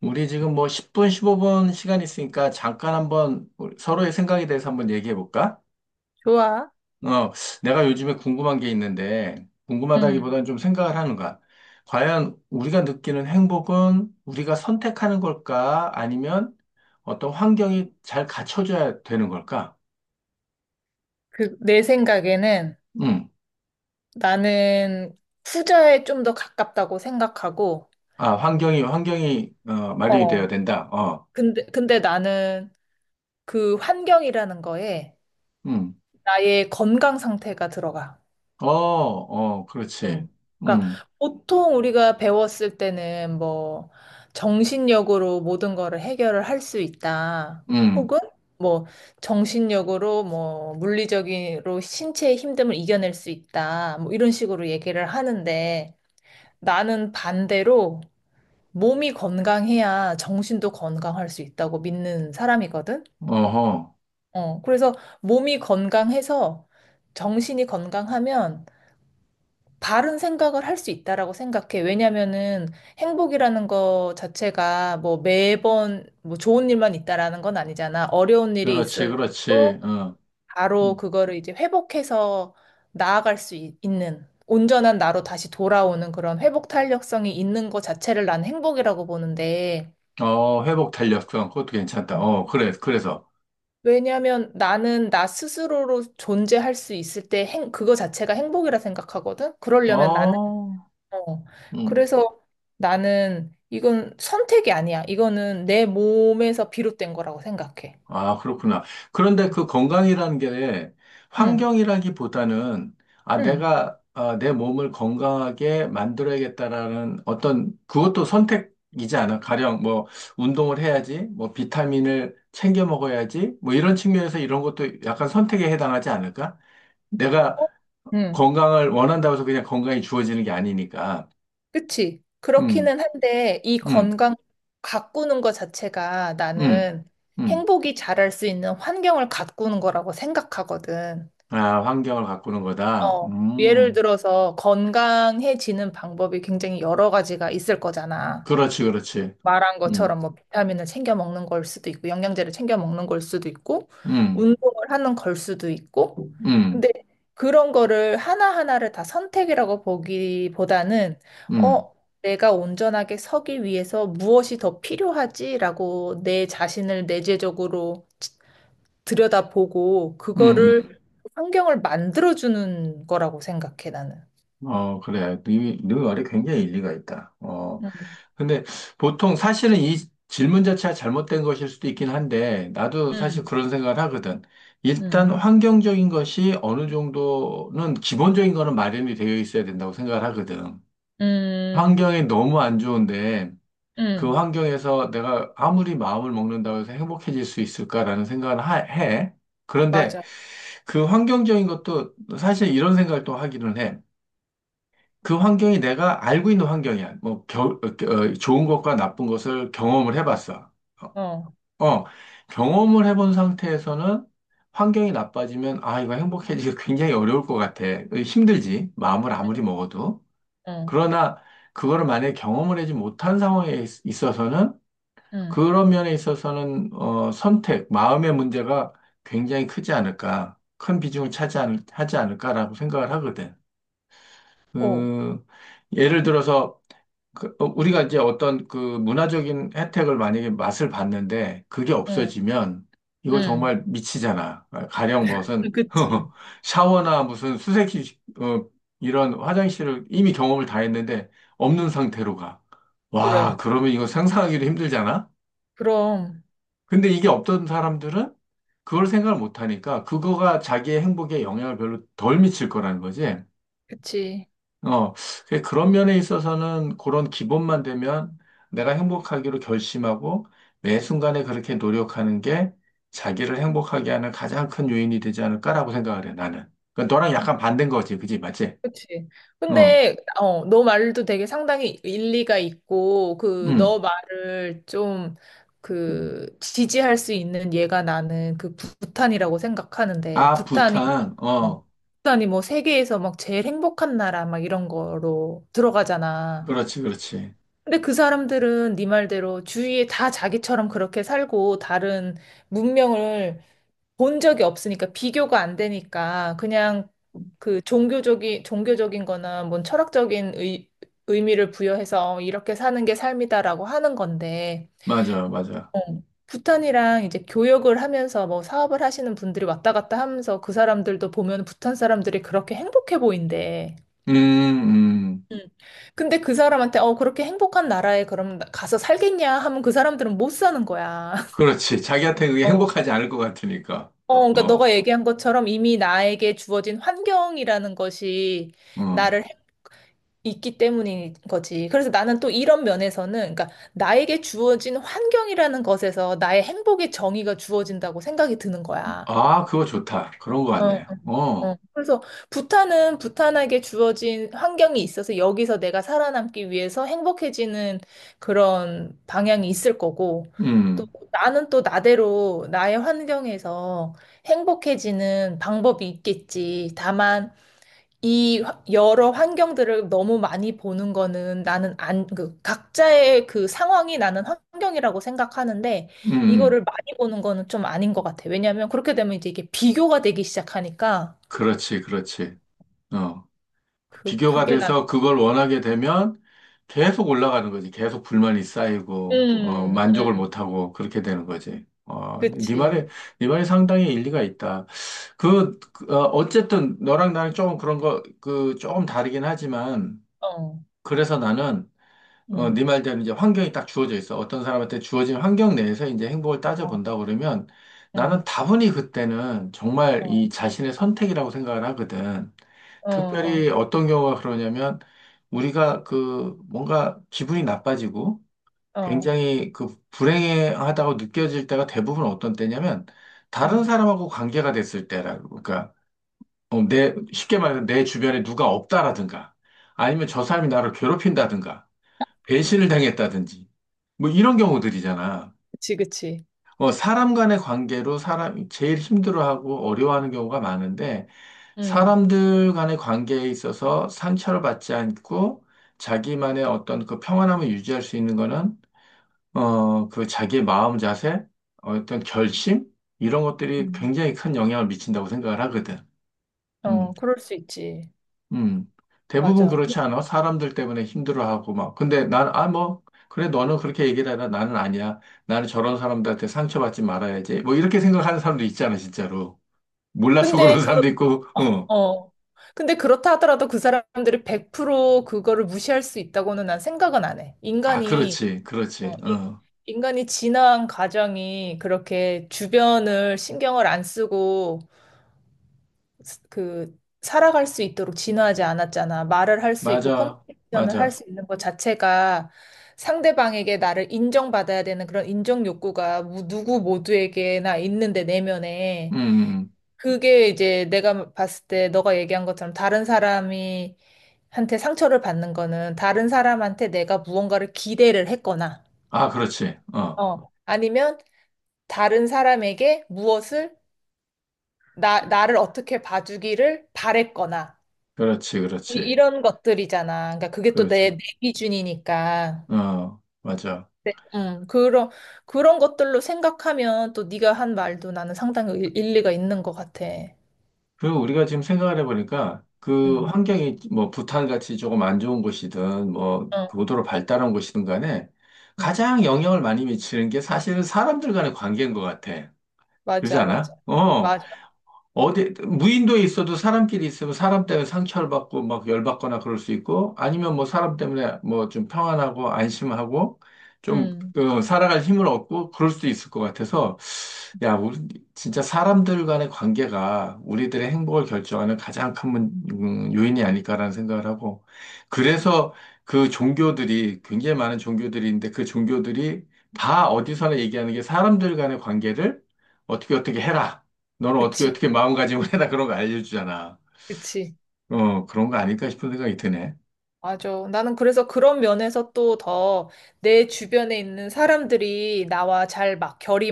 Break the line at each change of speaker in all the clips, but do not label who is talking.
우리 지금 뭐 10분, 15분 시간 있으니까 잠깐 한번 우리 서로의 생각에 대해서 한번 얘기해 볼까?
좋아.
어, 내가 요즘에 궁금한 게 있는데,
음.
궁금하다기보다는 좀 생각을 하는 거야. 과연 우리가 느끼는 행복은 우리가 선택하는 걸까? 아니면 어떤 환경이 잘 갖춰줘야 되는 걸까?
그, 내 생각에는
음.
나는 후자에 좀 더 가깝다고 생각하고,
아, 환경이, 마련이 되어야
어.
된다. 어,
근데 나는 그 환경이라는 거에
음.
나의 건강 상태가 들어가.
어, 어, 그렇지.
응. 그러니까
음,
보통 우리가 배웠을 때는 뭐 정신력으로 모든 거를 해결을 할 수 있다.
음,
혹은 뭐 정신력으로 뭐 물리적으로 신체의 힘듦을 이겨낼 수 있다. 뭐 이런 식으로 얘기를 하는데 나는 반대로 몸이 건강해야 정신도 건강할 수 있다고 믿는 사람이거든.
어허.
그래서 몸이 건강해서 정신이 건강하면 바른 생각을 할 수 있다라고 생각해. 왜냐면은 행복이라는 거 자체가 뭐 매번 뭐 좋은 일만 있다라는 건 아니잖아. 어려운 일이
그렇지,
있을
그렇지.
때도
어.
바로
음.
그거를 이제 회복해서 나아갈 수 있, 는 온전한 나로 다시 돌아오는 그런 회복 탄력성이 있는 것 자체를 난 행복이라고 보는데,
어, 회복 탄력성, 그것도 괜찮다.
어.
어, 그래, 그래서.
왜냐면 나는 나 스스로로 존재할 수 있을 때 그거 자체가 행복이라 생각하거든? 그러려면 나는,
어,
어.
음,
그래서 나는 이건 선택이 아니야. 이거는 내 몸에서 비롯된 거라고 생각해.
아, 그렇구나. 그런데 그 건강이라는 게
응,
환경이라기보다는, 아,
응.
내 몸을 건강하게 만들어야겠다라는 어떤, 그것도 선택이지 않아. 가령, 뭐, 운동을 해야지, 뭐, 비타민을 챙겨 먹어야지, 뭐, 이런 측면에서 이런 것도 약간 선택에 해당하지 않을까? 내가
어? 응.
건강을 원한다고 해서 그냥 건강이 주어지는 게 아니니까.
그치?
음,
그렇기는 한데 이
음.
건강 가꾸는 것 자체가
음,
나는
음.
행복이 자랄 수 있는 환경을 가꾸는 거라고 생각하거든.
아, 환경을 바꾸는 거다.
어, 예를 들어서 건강해지는 방법이 굉장히 여러 가지가 있을 거잖아.
그렇지, 그렇지.
말한
음,
것처럼 뭐 비타민을 챙겨 먹는 걸 수도 있고 영양제를 챙겨 먹는 걸 수도 있고
음,
운동을 하는 걸 수도 있고
음,
근데 그런 거를 하나하나를 다 선택이라고 보기보다는
음,
어 내가 온전하게 서기 위해서 무엇이 더 필요하지라고 내 자신을 내재적으로 들여다보고 그거를
음.
환경을 만들어주는 거라고 생각해 나는.
음. 어, 그래. 네, 네 말이 굉장히 일리가 있다.
음,
근데 보통 사실은 이 질문 자체가 잘못된 것일 수도 있긴 한데, 나도 사실
음,
그런 생각을 하거든.
음,
일단 환경적인 것이 어느 정도는 기본적인 거는 마련이 되어 있어야 된다고 생각을 하거든.
음,
환경이 너무 안 좋은데, 그
음,
환경에서 내가 아무리 마음을 먹는다고 해서 행복해질 수 있을까라는 생각을 해. 그런데
맞아.
그 환경적인 것도 사실 이런 생각을 또 하기는 해. 그 환경이 내가 알고 있는 환경이야. 뭐, 좋은 것과 나쁜 것을 경험을 해봤어.
어,
어, 어, 경험을 해본 상태에서는 환경이 나빠지면, 아, 이거 행복해지기 굉장히 어려울 것 같아. 힘들지. 마음을 아무리 먹어도.
어,
그러나, 그거를 만약에 경험을 하지 못한 상황에 있어서는
음.
그런 면에 있어서는 선택, 마음의 문제가 굉장히 크지 않을까, 큰 비중을 차지하는, 하지 않을까라고 생각을 하거든.
어,
그, 예를 들어서 그, 어, 우리가 이제 어떤 그 문화적인 혜택을 만약에 맛을 봤는데 그게
응,
없어지면 이거
응.
정말 미치잖아. 아, 가령 무슨
그치.
샤워나 무슨 수세식 이런 화장실을 이미 경험을 다 했는데 없는 상태로 가. 와,
그래.
그러면 이거 상상하기도 힘들잖아.
그럼,
근데 이게 없던 사람들은 그걸 생각을 못 하니까 그거가 자기의 행복에 영향을 별로 덜 미칠 거라는 거지.
그치.
어, 그래서 그런 면에 있어서는 그런 기본만 되면 내가 행복하기로 결심하고 매 순간에 그렇게 노력하는 게 자기를 행복하게 하는 가장 큰 요인이 되지 않을까라고 생각을 해, 나는. 그러니까 너랑 약간 반대인 거지, 그지? 맞지?
그치.
어,
근데, 너 말도 되게 상당히 일리가 있고, 그,
음.
너 말을 좀, 그, 지지할 수 있는 얘가 나는 그 부탄이라고 생각하는데,
아, 부 탄
어,
어,
부탄이 뭐 세계에서 막 제일 행복한 나라 막 이런 거로 들어가잖아.
그렇지, 그렇지.
근데 그 사람들은 네 말대로 주위에 다 자기처럼 그렇게 살고, 다른 문명을 본 적이 없으니까 비교가 안 되니까 그냥 그 종교적인 거나 뭔 철학적인 의미를 부여해서 이렇게 사는 게 삶이다라고 하는 건데
맞아, 맞아.
어, 부탄이랑 이제 교역을 하면서 뭐 사업을 하시는 분들이 왔다 갔다 하면서 그 사람들도 보면 부탄 사람들이 그렇게 행복해 보인대.
음, 음.
음. 근데 그 사람한테 그렇게 행복한 나라에 그럼 가서 살겠냐 하면 그 사람들은 못 사는 거야.
그렇지. 자기한테 그게
어.
행복하지 않을 것 같으니까.
그러니까
어,
너가 얘기한 것처럼 이미 나에게 주어진 환경이라는 것이
어.
나를 해- 있기 때문인 거지. 그래서 나는 또 이런 면에서는, 그러니까 나에게 주어진 환경이라는 것에서 나의 행복의 정의가 주어진다고 생각이 드는 거야.
아, 그거 좋다. 그런 것 같네.
어.
어,
그래서 부탄은 부탄에게 주어진 환경이 있어서 여기서 내가 살아남기 위해서 행복해지는 그런 방향이 있을 거고, 또
음,
나는 또 나대로 나의 환경에서 행복해지는 방법이 있겠지. 다만, 여러 환경들을 너무 많이 보는 거는 나는 안, 그 각자의 그 상황이 나는 환경이라고 생각하는데,
음, 음.
이거를 많이 보는 거는 좀 아닌 것 같아. 왜냐하면 그렇게 되면 이제 이게 비교가 되기 시작하니까,
그렇지, 그렇지. 어.
그,
비교가
그게 나,
돼서 그걸 원하게 되면 계속 올라가는 거지. 계속 불만이
그,
쌓이고, 만족을 못하고, 그렇게 되는 거지.
그치.
네 말에 상당히 일리가 있다. 어쨌든 너랑 나랑 조금 그런 거, 조금 다르긴 하지만,
어,
그래서 나는
음,
네 말대로 이제 환경이 딱 주어져 있어. 어떤 사람한테 주어진 환경 내에서 이제 행복을
어,
따져본다 그러면 나는
음,
다분히 그때는 정말
어,
이 자신의 선택이라고 생각을 하거든.
어, 어,
특별히 어떤 경우가 그러냐면 우리가 그 뭔가 기분이 나빠지고
어,
굉장히 그 불행하다고 느껴질 때가 대부분 어떤 때냐면 다른
음,
사람하고 관계가 됐을 때라고. 그러니까 내 쉽게 말해서 내 주변에 누가 없다라든가 아니면 저 사람이 나를 괴롭힌다든가 배신을 당했다든지 뭐 이런 경우들이잖아.
그치, 그치.
사람 간의 관계로 사람이 제일 힘들어하고 어려워하는 경우가 많은데
음,
사람들 간의 관계에 있어서 상처를 받지 않고 자기만의 어떤 그 평안함을 유지할 수 있는 거는 그 자기의 마음 자세, 어떤 결심 이런 것들이
음,
굉장히 큰 영향을 미친다고 생각을 하거든. 음.
어, 그럴 수 있지.
음, 대부분
맞아.
그렇지 않아? 사람들 때문에 힘들어하고 막. 근데 난, 아, 뭐, 그래, 너는 그렇게 얘기를 해라. 나는 아니야. 나는 저런 사람들한테 상처받지 말아야지. 뭐, 이렇게 생각하는 사람도 있잖아, 진짜로. 몰라서
근데,
그런 사람도
그렇,
있고, 어.
어, 근데 그렇다 하더라도 그 사람들이 100% 그거를 무시할 수 있다고는 난 생각은 안 해.
아, 그렇지, 그렇지,
어, 이-
어.
인간이 진화한 과정이 그렇게 주변을 신경을 안 쓰고 그 살아갈 수 있도록 진화하지 않았잖아. 말을 할 수 있고
맞아,
커뮤니케이션을 할
맞아.
수 있는 것 자체가 상대방에게 나를 인정받아야 되는 그런 인정 욕구가 누구 모두에게나 있는데 내면에
음.
그게 이제 내가 봤을 때 너가 얘기한 것처럼 다른 사람이 한테 상처를 받는 거는 다른 사람한테 내가 무언가를 기대를 했거나
아, 그렇지, 어.
아니면 다른 사람에게 무엇을 나 나를 어떻게 봐주기를 바랬거나
그렇지,
이-
그렇지,
이런 것들이잖아. 그러니까 그게 또 내,
그렇지,
내 기준이니까.
어. 맞아.
음, 그런, 그런 것들로 생각하면 또 네가 한 말도 나는 상당히 일리가 있는 것 같아.
그리고 우리가 지금 생각을 해보니까 그
음,
환경이 뭐 부탄같이 조금 안 좋은 곳이든 뭐
어,
그 고도로 발달한 곳이든 간에
음.
가장 영향을 많이 미치는 게 사실은 사람들 간의 관계인 것 같아. 그러지
맞아, 맞아.
않아? 어.
맞아.
어디, 무인도에 있어도 사람끼리 있으면 사람 때문에 상처를 받고 막 열받거나 그럴 수 있고 아니면 뭐 사람 때문에 뭐 좀 평안하고 안심하고 좀
음,
어, 살아갈 힘을 얻고 그럴 수도 있을 것 같아서 야, 우리 진짜 사람들 간의 관계가 우리들의 행복을 결정하는 가장 큰 요인이 아닐까라는 생각을 하고, 그래서 그 종교들이 굉장히 많은 종교들이 있는데 그 종교들이 다 어디서나 얘기하는 게 사람들 간의 관계를 어떻게 어떻게 해라. 너는 어떻게
그치,
어떻게 마음가짐을 해라. 그런 거 알려주잖아.
그치.
그런 거 아닐까 싶은 생각이 드네.
맞아. 나는 그래서 그런 면에서 또 더 내 주변에 있는 사람들이 나와 잘 막 결이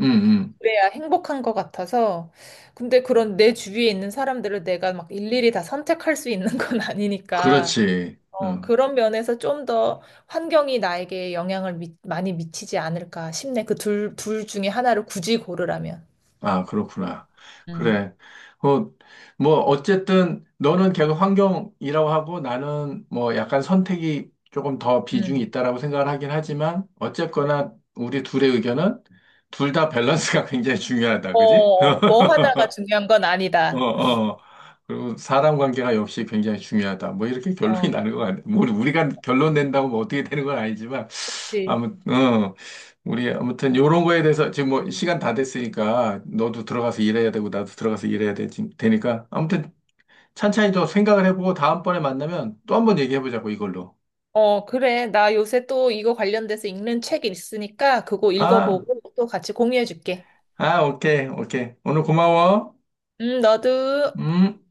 응, 응.
그래야 행복한 것 같아서. 근데 그런 내 주위에 있는 사람들을 내가 막 일일이 다 선택할 수 있는 건 아니니까.
그렇지. 어.
그런 면에서 좀 더 환경이 나에게 영향을 많이 미치지 않을까 싶네. 그 둘 중에 하나를 굳이 고르라면.
아, 그렇구나.
음,
그래. 어, 뭐, 어쨌든, 너는 계속 환경이라고 하고, 나는 뭐, 약간 선택이 조금 더 비중이
음.
있다라고 생각을 하긴 하지만, 어쨌거나, 우리 둘의 의견은, 둘 다 밸런스가 굉장히 중요하다.
어,
그지?
어, 뭐 하나가 중요한 건
어,
아니다.
어. 그리고 사람 관계가 역시 굉장히 중요하다. 뭐, 이렇게 결론이
어,
나는 것 같네. 뭐, 우리가 결론 낸다고 뭐 어떻게 되는 건 아니지만,
그치.
아무튼, 어, 우리 아무튼 요런 거에 대해서 지금 뭐 시간 다 됐으니까 너도 들어가서 일해야 되고 나도 들어가서 되니까 아무튼 찬찬히 좀 생각을 해보고 다음번에 만나면 또 한 번 얘기해보자고 이걸로.
어, 그래. 나 요새 또 이거 관련돼서 읽는 책이 있으니까 그거
아,
읽어보고 또 같이 공유해줄게.
아, 오케이, 오케이. 오늘 고마워.
너도.
음.